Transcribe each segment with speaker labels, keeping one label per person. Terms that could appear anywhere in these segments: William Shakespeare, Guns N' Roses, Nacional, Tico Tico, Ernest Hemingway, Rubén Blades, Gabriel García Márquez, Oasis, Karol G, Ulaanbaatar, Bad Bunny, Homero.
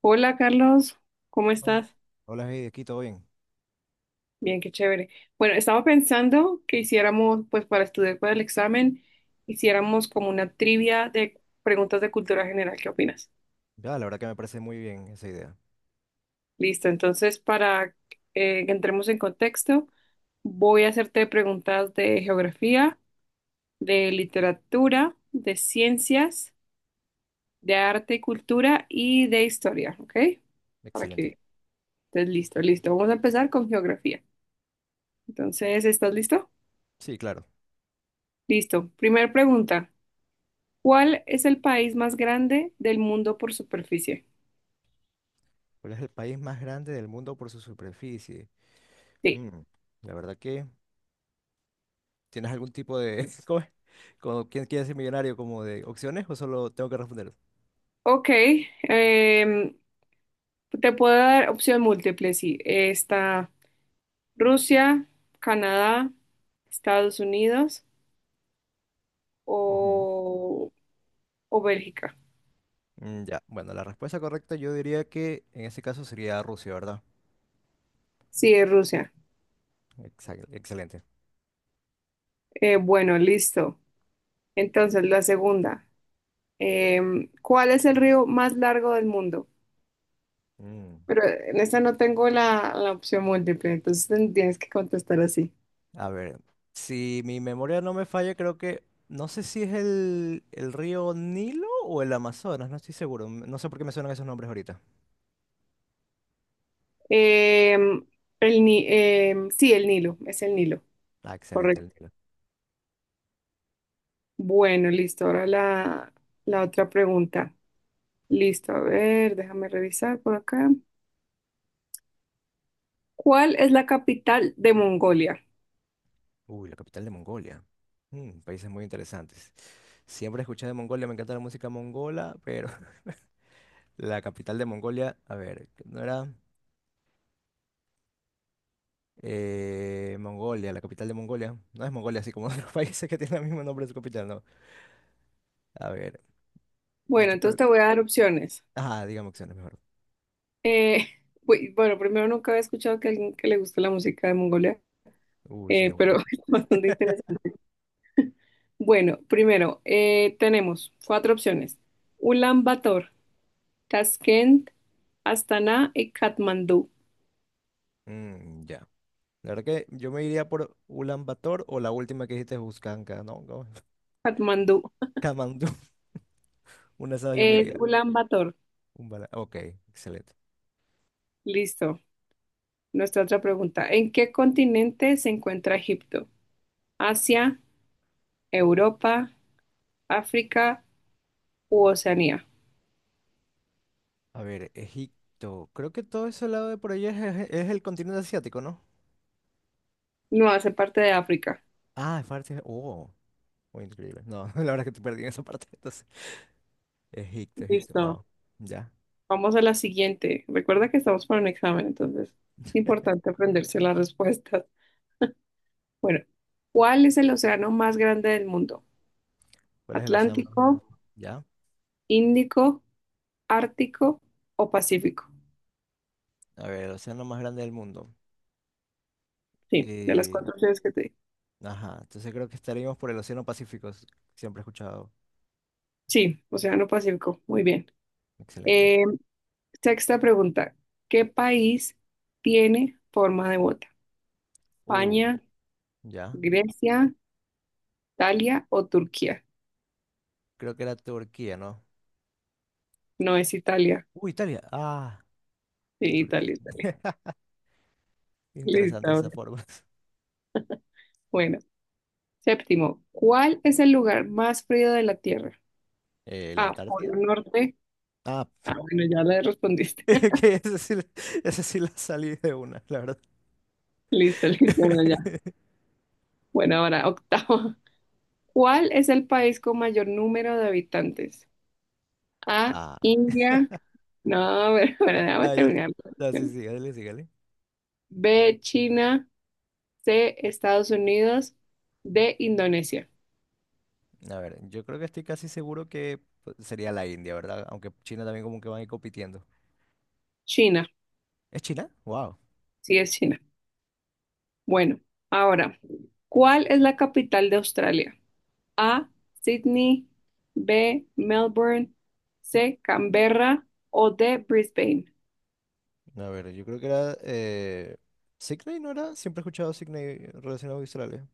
Speaker 1: Hola Carlos, ¿cómo
Speaker 2: Hol-
Speaker 1: estás?
Speaker 2: Hola, hey, aquí todo bien.
Speaker 1: Bien, qué chévere. Bueno, estaba pensando que hiciéramos, pues para estudiar para el examen, hiciéramos como una trivia de preguntas de cultura general. ¿Qué opinas?
Speaker 2: Ya, la verdad que me parece muy bien esa idea.
Speaker 1: Listo, entonces para que entremos en contexto, voy a hacerte preguntas de geografía, de literatura, de ciencias, de arte y cultura y de historia, ¿ok? Para
Speaker 2: Excelente.
Speaker 1: que estés listo, listo. Vamos a empezar con geografía. Entonces, ¿estás listo?
Speaker 2: Sí, claro.
Speaker 1: Listo. Primer pregunta. ¿Cuál es el país más grande del mundo por superficie?
Speaker 2: ¿Cuál es el país más grande del mundo por su superficie?
Speaker 1: Sí.
Speaker 2: Mm, la verdad que ¿tienes algún tipo de... ¿Cómo es? Como, ¿quién quiere ser millonario? ¿Como de opciones o solo tengo que responder?
Speaker 1: Ok, em, te puedo dar opción múltiple, sí. Está Rusia, Canadá, Estados Unidos
Speaker 2: Ujú.
Speaker 1: o, o Bélgica.
Speaker 2: Mm, ya, bueno, la respuesta correcta yo diría que en ese caso sería Rusia, ¿verdad?
Speaker 1: Sí, es Rusia.
Speaker 2: Excelente.
Speaker 1: Bueno, listo. Entonces, la segunda. ¿Cuál es el río más largo del mundo?
Speaker 2: Mm.
Speaker 1: Pero en esta no tengo la opción múltiple, entonces tienes que contestar así.
Speaker 2: A ver, si mi memoria no me falla, creo que, no sé si es el río Nilo o el Amazonas, no estoy seguro. No sé por qué me suenan esos nombres ahorita.
Speaker 1: Em, el, Ni- em, sí, el Nilo, es el Nilo,
Speaker 2: Ah, excelente, el
Speaker 1: correcto.
Speaker 2: Nilo.
Speaker 1: Bueno, listo. La otra pregunta. Listo, a ver, déjame revisar por acá. ¿Cuál es la capital de Mongolia?
Speaker 2: Uy, la capital de Mongolia. Mm, países muy interesantes. Siempre escuché de Mongolia, me encanta la música mongola, pero la capital de Mongolia, a ver, ¿no era Mongolia, la capital de Mongolia? No es Mongolia, así como otros países que tienen el mismo nombre de su capital, no. A ver,
Speaker 1: Bueno,
Speaker 2: yo
Speaker 1: entonces
Speaker 2: creo...
Speaker 1: te voy a dar opciones.
Speaker 2: Ah, digamos que es mejor.
Speaker 1: Eh, bueno, primero nunca había escuchado que alguien que le guste la música de Mongolia,
Speaker 2: Uy, sí, es
Speaker 1: pero
Speaker 2: buena.
Speaker 1: es bastante interesante. Bueno, primero tenemos cuatro opciones. Ulan Bator, Tashkent, Astana y Katmandú.
Speaker 2: Mm, ya. La verdad que yo me iría por Ulaanbaatar o la última que dijiste, Buscanca, ¿no? ¿Cómo?
Speaker 1: Katmandú.
Speaker 2: Kamandú, una de esas yo me
Speaker 1: Es
Speaker 2: iría.
Speaker 1: Ulan Bator.
Speaker 2: Ok, excelente.
Speaker 1: Listo. Nuestra otra pregunta. ¿En qué continente se encuentra Egipto? ¿Asia, Europa, África u Oceanía?
Speaker 2: A ver, Egipto. Creo que todo ese lado de por allá es el continente asiático, ¿no?
Speaker 1: No, hace parte de África.
Speaker 2: Ah, es parte. Oh, muy increíble. No, la verdad es que te perdí en esa parte. Entonces, Egipto, Egipto,
Speaker 1: Listo.
Speaker 2: wow. Ya.
Speaker 1: Vamos a la siguiente. Recuerda que estamos para un examen, entonces es importante aprenderse las respuestas. Bueno, ¿cuál es el océano más grande del mundo?
Speaker 2: ¿Cuál es el océano más
Speaker 1: ¿Atlántico,
Speaker 2: grande? Ya.
Speaker 1: Índico, Ártico o Pacífico?
Speaker 2: A ver, el océano más grande del mundo.
Speaker 1: Sí, de las
Speaker 2: Eh,
Speaker 1: cuatro opciones que te di.
Speaker 2: ajá, entonces creo que estaríamos por el océano Pacífico. Siempre he escuchado.
Speaker 1: Sí, Océano Pacífico, muy bien.
Speaker 2: Excelente.
Speaker 1: Eh, sexta pregunta, ¿qué país tiene forma de bota?
Speaker 2: Uh,
Speaker 1: ¿España,
Speaker 2: ya.
Speaker 1: Grecia, Italia o Turquía?
Speaker 2: Creo que era Turquía, ¿no?
Speaker 1: No es Italia,
Speaker 2: Italia. Ah,
Speaker 1: sí, Italia,
Speaker 2: Turquía.
Speaker 1: Italia.
Speaker 2: Interesante
Speaker 1: Listo,
Speaker 2: esa
Speaker 1: bien,
Speaker 2: forma.
Speaker 1: bueno. Séptimo, ¿cuál es el lugar más frío de la Tierra?
Speaker 2: ¿La
Speaker 1: A, Polo
Speaker 2: Antártida?
Speaker 1: Norte.
Speaker 2: Ah,
Speaker 1: Ah, bueno, ya le respondiste.
Speaker 2: que esa sí, esa sí la salí de una, la verdad.
Speaker 1: Listo, listo, bueno, ya. Bueno, ahora octavo. ¿Cuál es el país con mayor número de habitantes? A,
Speaker 2: Ah,
Speaker 1: India. No, pero bueno, nada más
Speaker 2: ah, ya.
Speaker 1: terminar la
Speaker 2: Ah, sí,
Speaker 1: pregunta.
Speaker 2: sígale, sígale.
Speaker 1: B, China, C, Estados Unidos, D, Indonesia.
Speaker 2: A ver, yo creo que estoy casi seguro que pues, sería la India, ¿verdad? Aunque China también como que van a ir compitiendo.
Speaker 1: China,
Speaker 2: ¿Es China? Wow.
Speaker 1: sí es China. Bueno, ahora, ¿cuál es la capital de Australia? A, Sydney, B, Melbourne, C, Canberra o D, Brisbane.
Speaker 2: A ver, yo creo que era... ¿Sydney no era? Siempre he escuchado Sydney relacionado a Australia.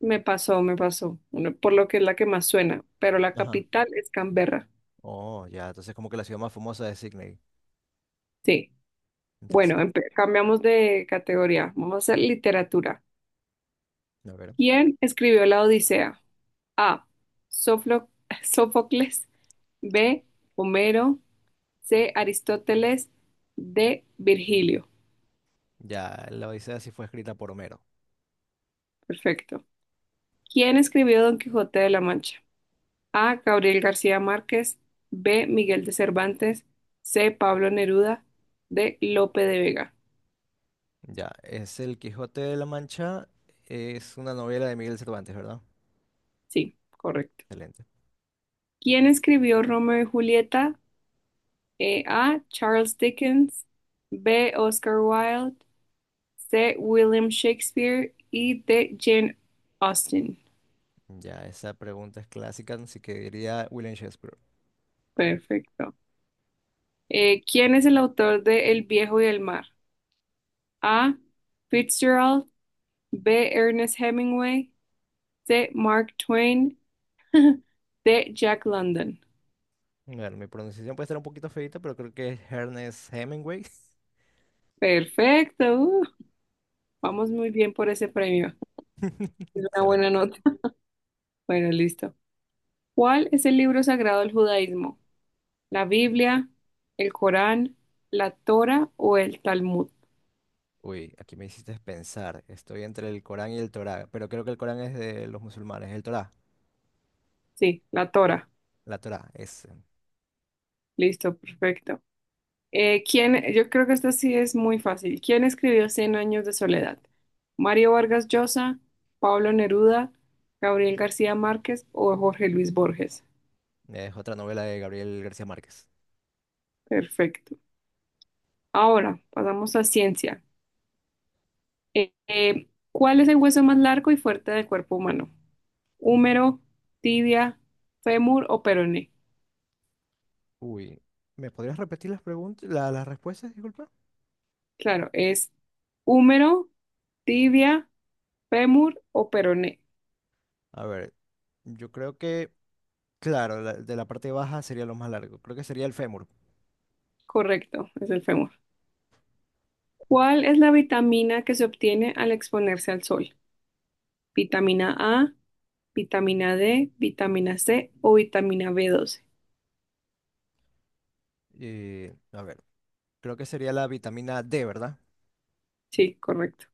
Speaker 1: Me pasó, me pasó. Bueno, por lo que es la que más suena, pero la
Speaker 2: Ajá.
Speaker 1: capital es Canberra.
Speaker 2: Oh, ya, entonces como que la ciudad más famosa es Sydney.
Speaker 1: Sí, bueno,
Speaker 2: Interesante.
Speaker 1: cambiamos de categoría, vamos a hacer literatura.
Speaker 2: A ver.
Speaker 1: ¿Quién escribió la Odisea? A, Soflo- Sófocles. B, Homero. C, Aristóteles. D, Virgilio.
Speaker 2: Ya, la Odisea sí fue escrita por Homero.
Speaker 1: Perfecto. ¿Quién escribió Don Quijote de la Mancha? A, Gabriel García Márquez. B, Miguel de Cervantes. C, Pablo Neruda. D, Lope de Vega.
Speaker 2: Ya, es El Quijote de la Mancha. Es una novela de Miguel Cervantes, ¿verdad?
Speaker 1: Sí, correcto.
Speaker 2: Excelente.
Speaker 1: ¿Quién escribió Romeo y Julieta? E. A, Charles Dickens. B, Oscar Wilde. De William Shakespeare y de Jane Austen.
Speaker 2: Ya, esa pregunta es clásica, así que diría William Shakespeare.
Speaker 1: Perfecto. ¿Quién es el autor de El viejo y el mar? A, Fitzgerald, B, Ernest Hemingway, C, Mark Twain, D, Jack London.
Speaker 2: Bueno, mi pronunciación puede estar un poquito feita, pero creo que es Ernest Hemingway.
Speaker 1: Perfecto. Uh, vamos muy bien por ese premio. Es una
Speaker 2: Excelente,
Speaker 1: buena
Speaker 2: excelente.
Speaker 1: nota. Bueno, listo. ¿Cuál es el libro sagrado del judaísmo? ¿La Biblia, el Corán, la Torah o el Talmud?
Speaker 2: Uy, aquí me hiciste pensar. Estoy entre el Corán y el Torá, pero creo que el Corán es de los musulmanes. El Torá,
Speaker 1: Sí, la Torah.
Speaker 2: la Torá,
Speaker 1: Listo, perfecto. ¿Quién? Yo creo que esta sí es muy fácil. ¿Quién escribió Cien años de soledad? ¿Mario Vargas Llosa, Pablo Neruda, Gabriel García Márquez o Jorge Luis Borges?
Speaker 2: es otra novela de Gabriel García Márquez.
Speaker 1: Perfecto. Ahora, pasamos a ciencia. ¿Cuál es el hueso más largo y fuerte del cuerpo humano? ¿Húmero, tibia, fémur o peroné?
Speaker 2: Uy, ¿me podrías repetir las preguntas, las respuestas, disculpa?
Speaker 1: Claro, es húmero, tibia, fémur o peroné.
Speaker 2: A ver, yo creo que, claro, de la parte baja sería lo más largo. Creo que sería el fémur.
Speaker 1: Correcto, es el fémur. ¿Cuál es la vitamina que se obtiene al exponerse al sol? ¿Vitamina A, vitamina D, vitamina C o vitamina B12?
Speaker 2: Y a ver, creo que sería la vitamina D, ¿verdad?
Speaker 1: Sí, correcto.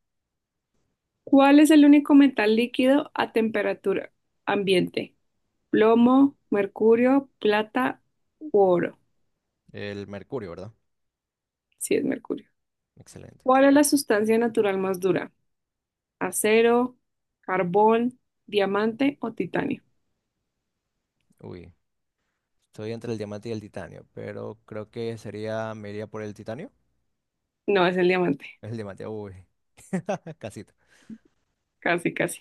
Speaker 1: ¿Cuál es el único metal líquido a temperatura ambiente? ¿Plomo, mercurio, plata u oro?
Speaker 2: El mercurio, ¿verdad?
Speaker 1: Sí, es mercurio.
Speaker 2: Excelente.
Speaker 1: ¿Cuál es la sustancia natural más dura? ¿Acero, carbón, diamante o titanio?
Speaker 2: Uy, estoy entre el diamante y el titanio, pero creo que sería, me iría por el titanio.
Speaker 1: No, es el diamante.
Speaker 2: Es el diamante, uy, casito.
Speaker 1: Casi, casi.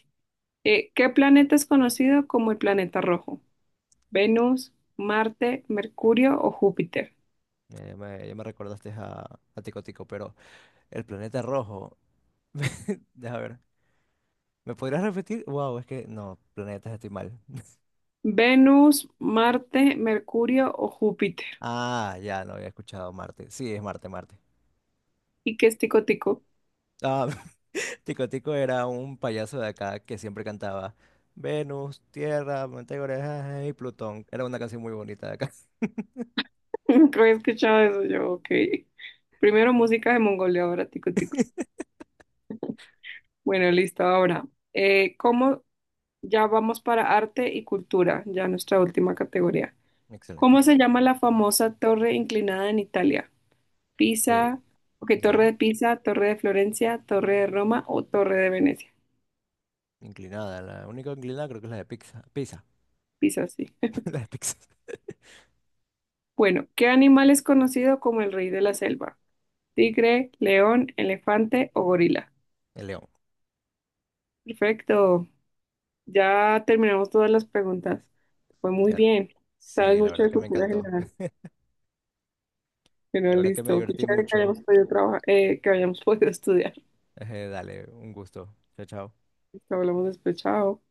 Speaker 1: ¿Qué planeta es conocido como el planeta rojo? Venus, Marte, Mercurio o Júpiter.
Speaker 2: Ya me recordaste a Tico Tico, pero el planeta rojo, deja ver. ¿Me podrías repetir? Wow, es que no, planetas estoy mal.
Speaker 1: Venus, Marte, Mercurio o Júpiter.
Speaker 2: Ah, ya no había escuchado Marte. Sí, es Marte, Marte.
Speaker 1: ¿Y qué es tico tico?
Speaker 2: Ah, Tico Tico era un payaso de acá que siempre cantaba Venus, Tierra, Mantegora y Plutón. Era una canción muy bonita de acá.
Speaker 1: Nunca había escuchado eso yo, ok. Primero música de Mongolia, ahora tico tico. Bueno, listo, ahora, ¿cómo? Ya vamos para arte y cultura, ya nuestra última categoría.
Speaker 2: Excelente.
Speaker 1: ¿Cómo se llama la famosa torre inclinada en Italia?
Speaker 2: Eh,
Speaker 1: Pisa, ok,
Speaker 2: ya,
Speaker 1: Torre de Pisa, Torre de Florencia, Torre de Roma o Torre de Venecia.
Speaker 2: inclinada. La única inclinada creo que es la de Pizza. Pizza.
Speaker 1: Pisa, sí.
Speaker 2: La de Pizza.
Speaker 1: Bueno, ¿qué animal es conocido como el rey de la selva? Tigre, león, elefante o gorila.
Speaker 2: El león.
Speaker 1: Perfecto. Ya terminamos todas las preguntas. Fue muy
Speaker 2: Ya.
Speaker 1: bien. Sabes
Speaker 2: Sí, la
Speaker 1: mucho
Speaker 2: verdad
Speaker 1: de
Speaker 2: que me
Speaker 1: cultura
Speaker 2: encantó.
Speaker 1: general. Bueno,
Speaker 2: La verdad que me
Speaker 1: listo. Qué
Speaker 2: divertí
Speaker 1: chévere que
Speaker 2: mucho.
Speaker 1: hayamos podido trabajar, que hayamos podido estudiar.
Speaker 2: Dale, un gusto. Chao, chao.
Speaker 1: Hablamos después. Chao.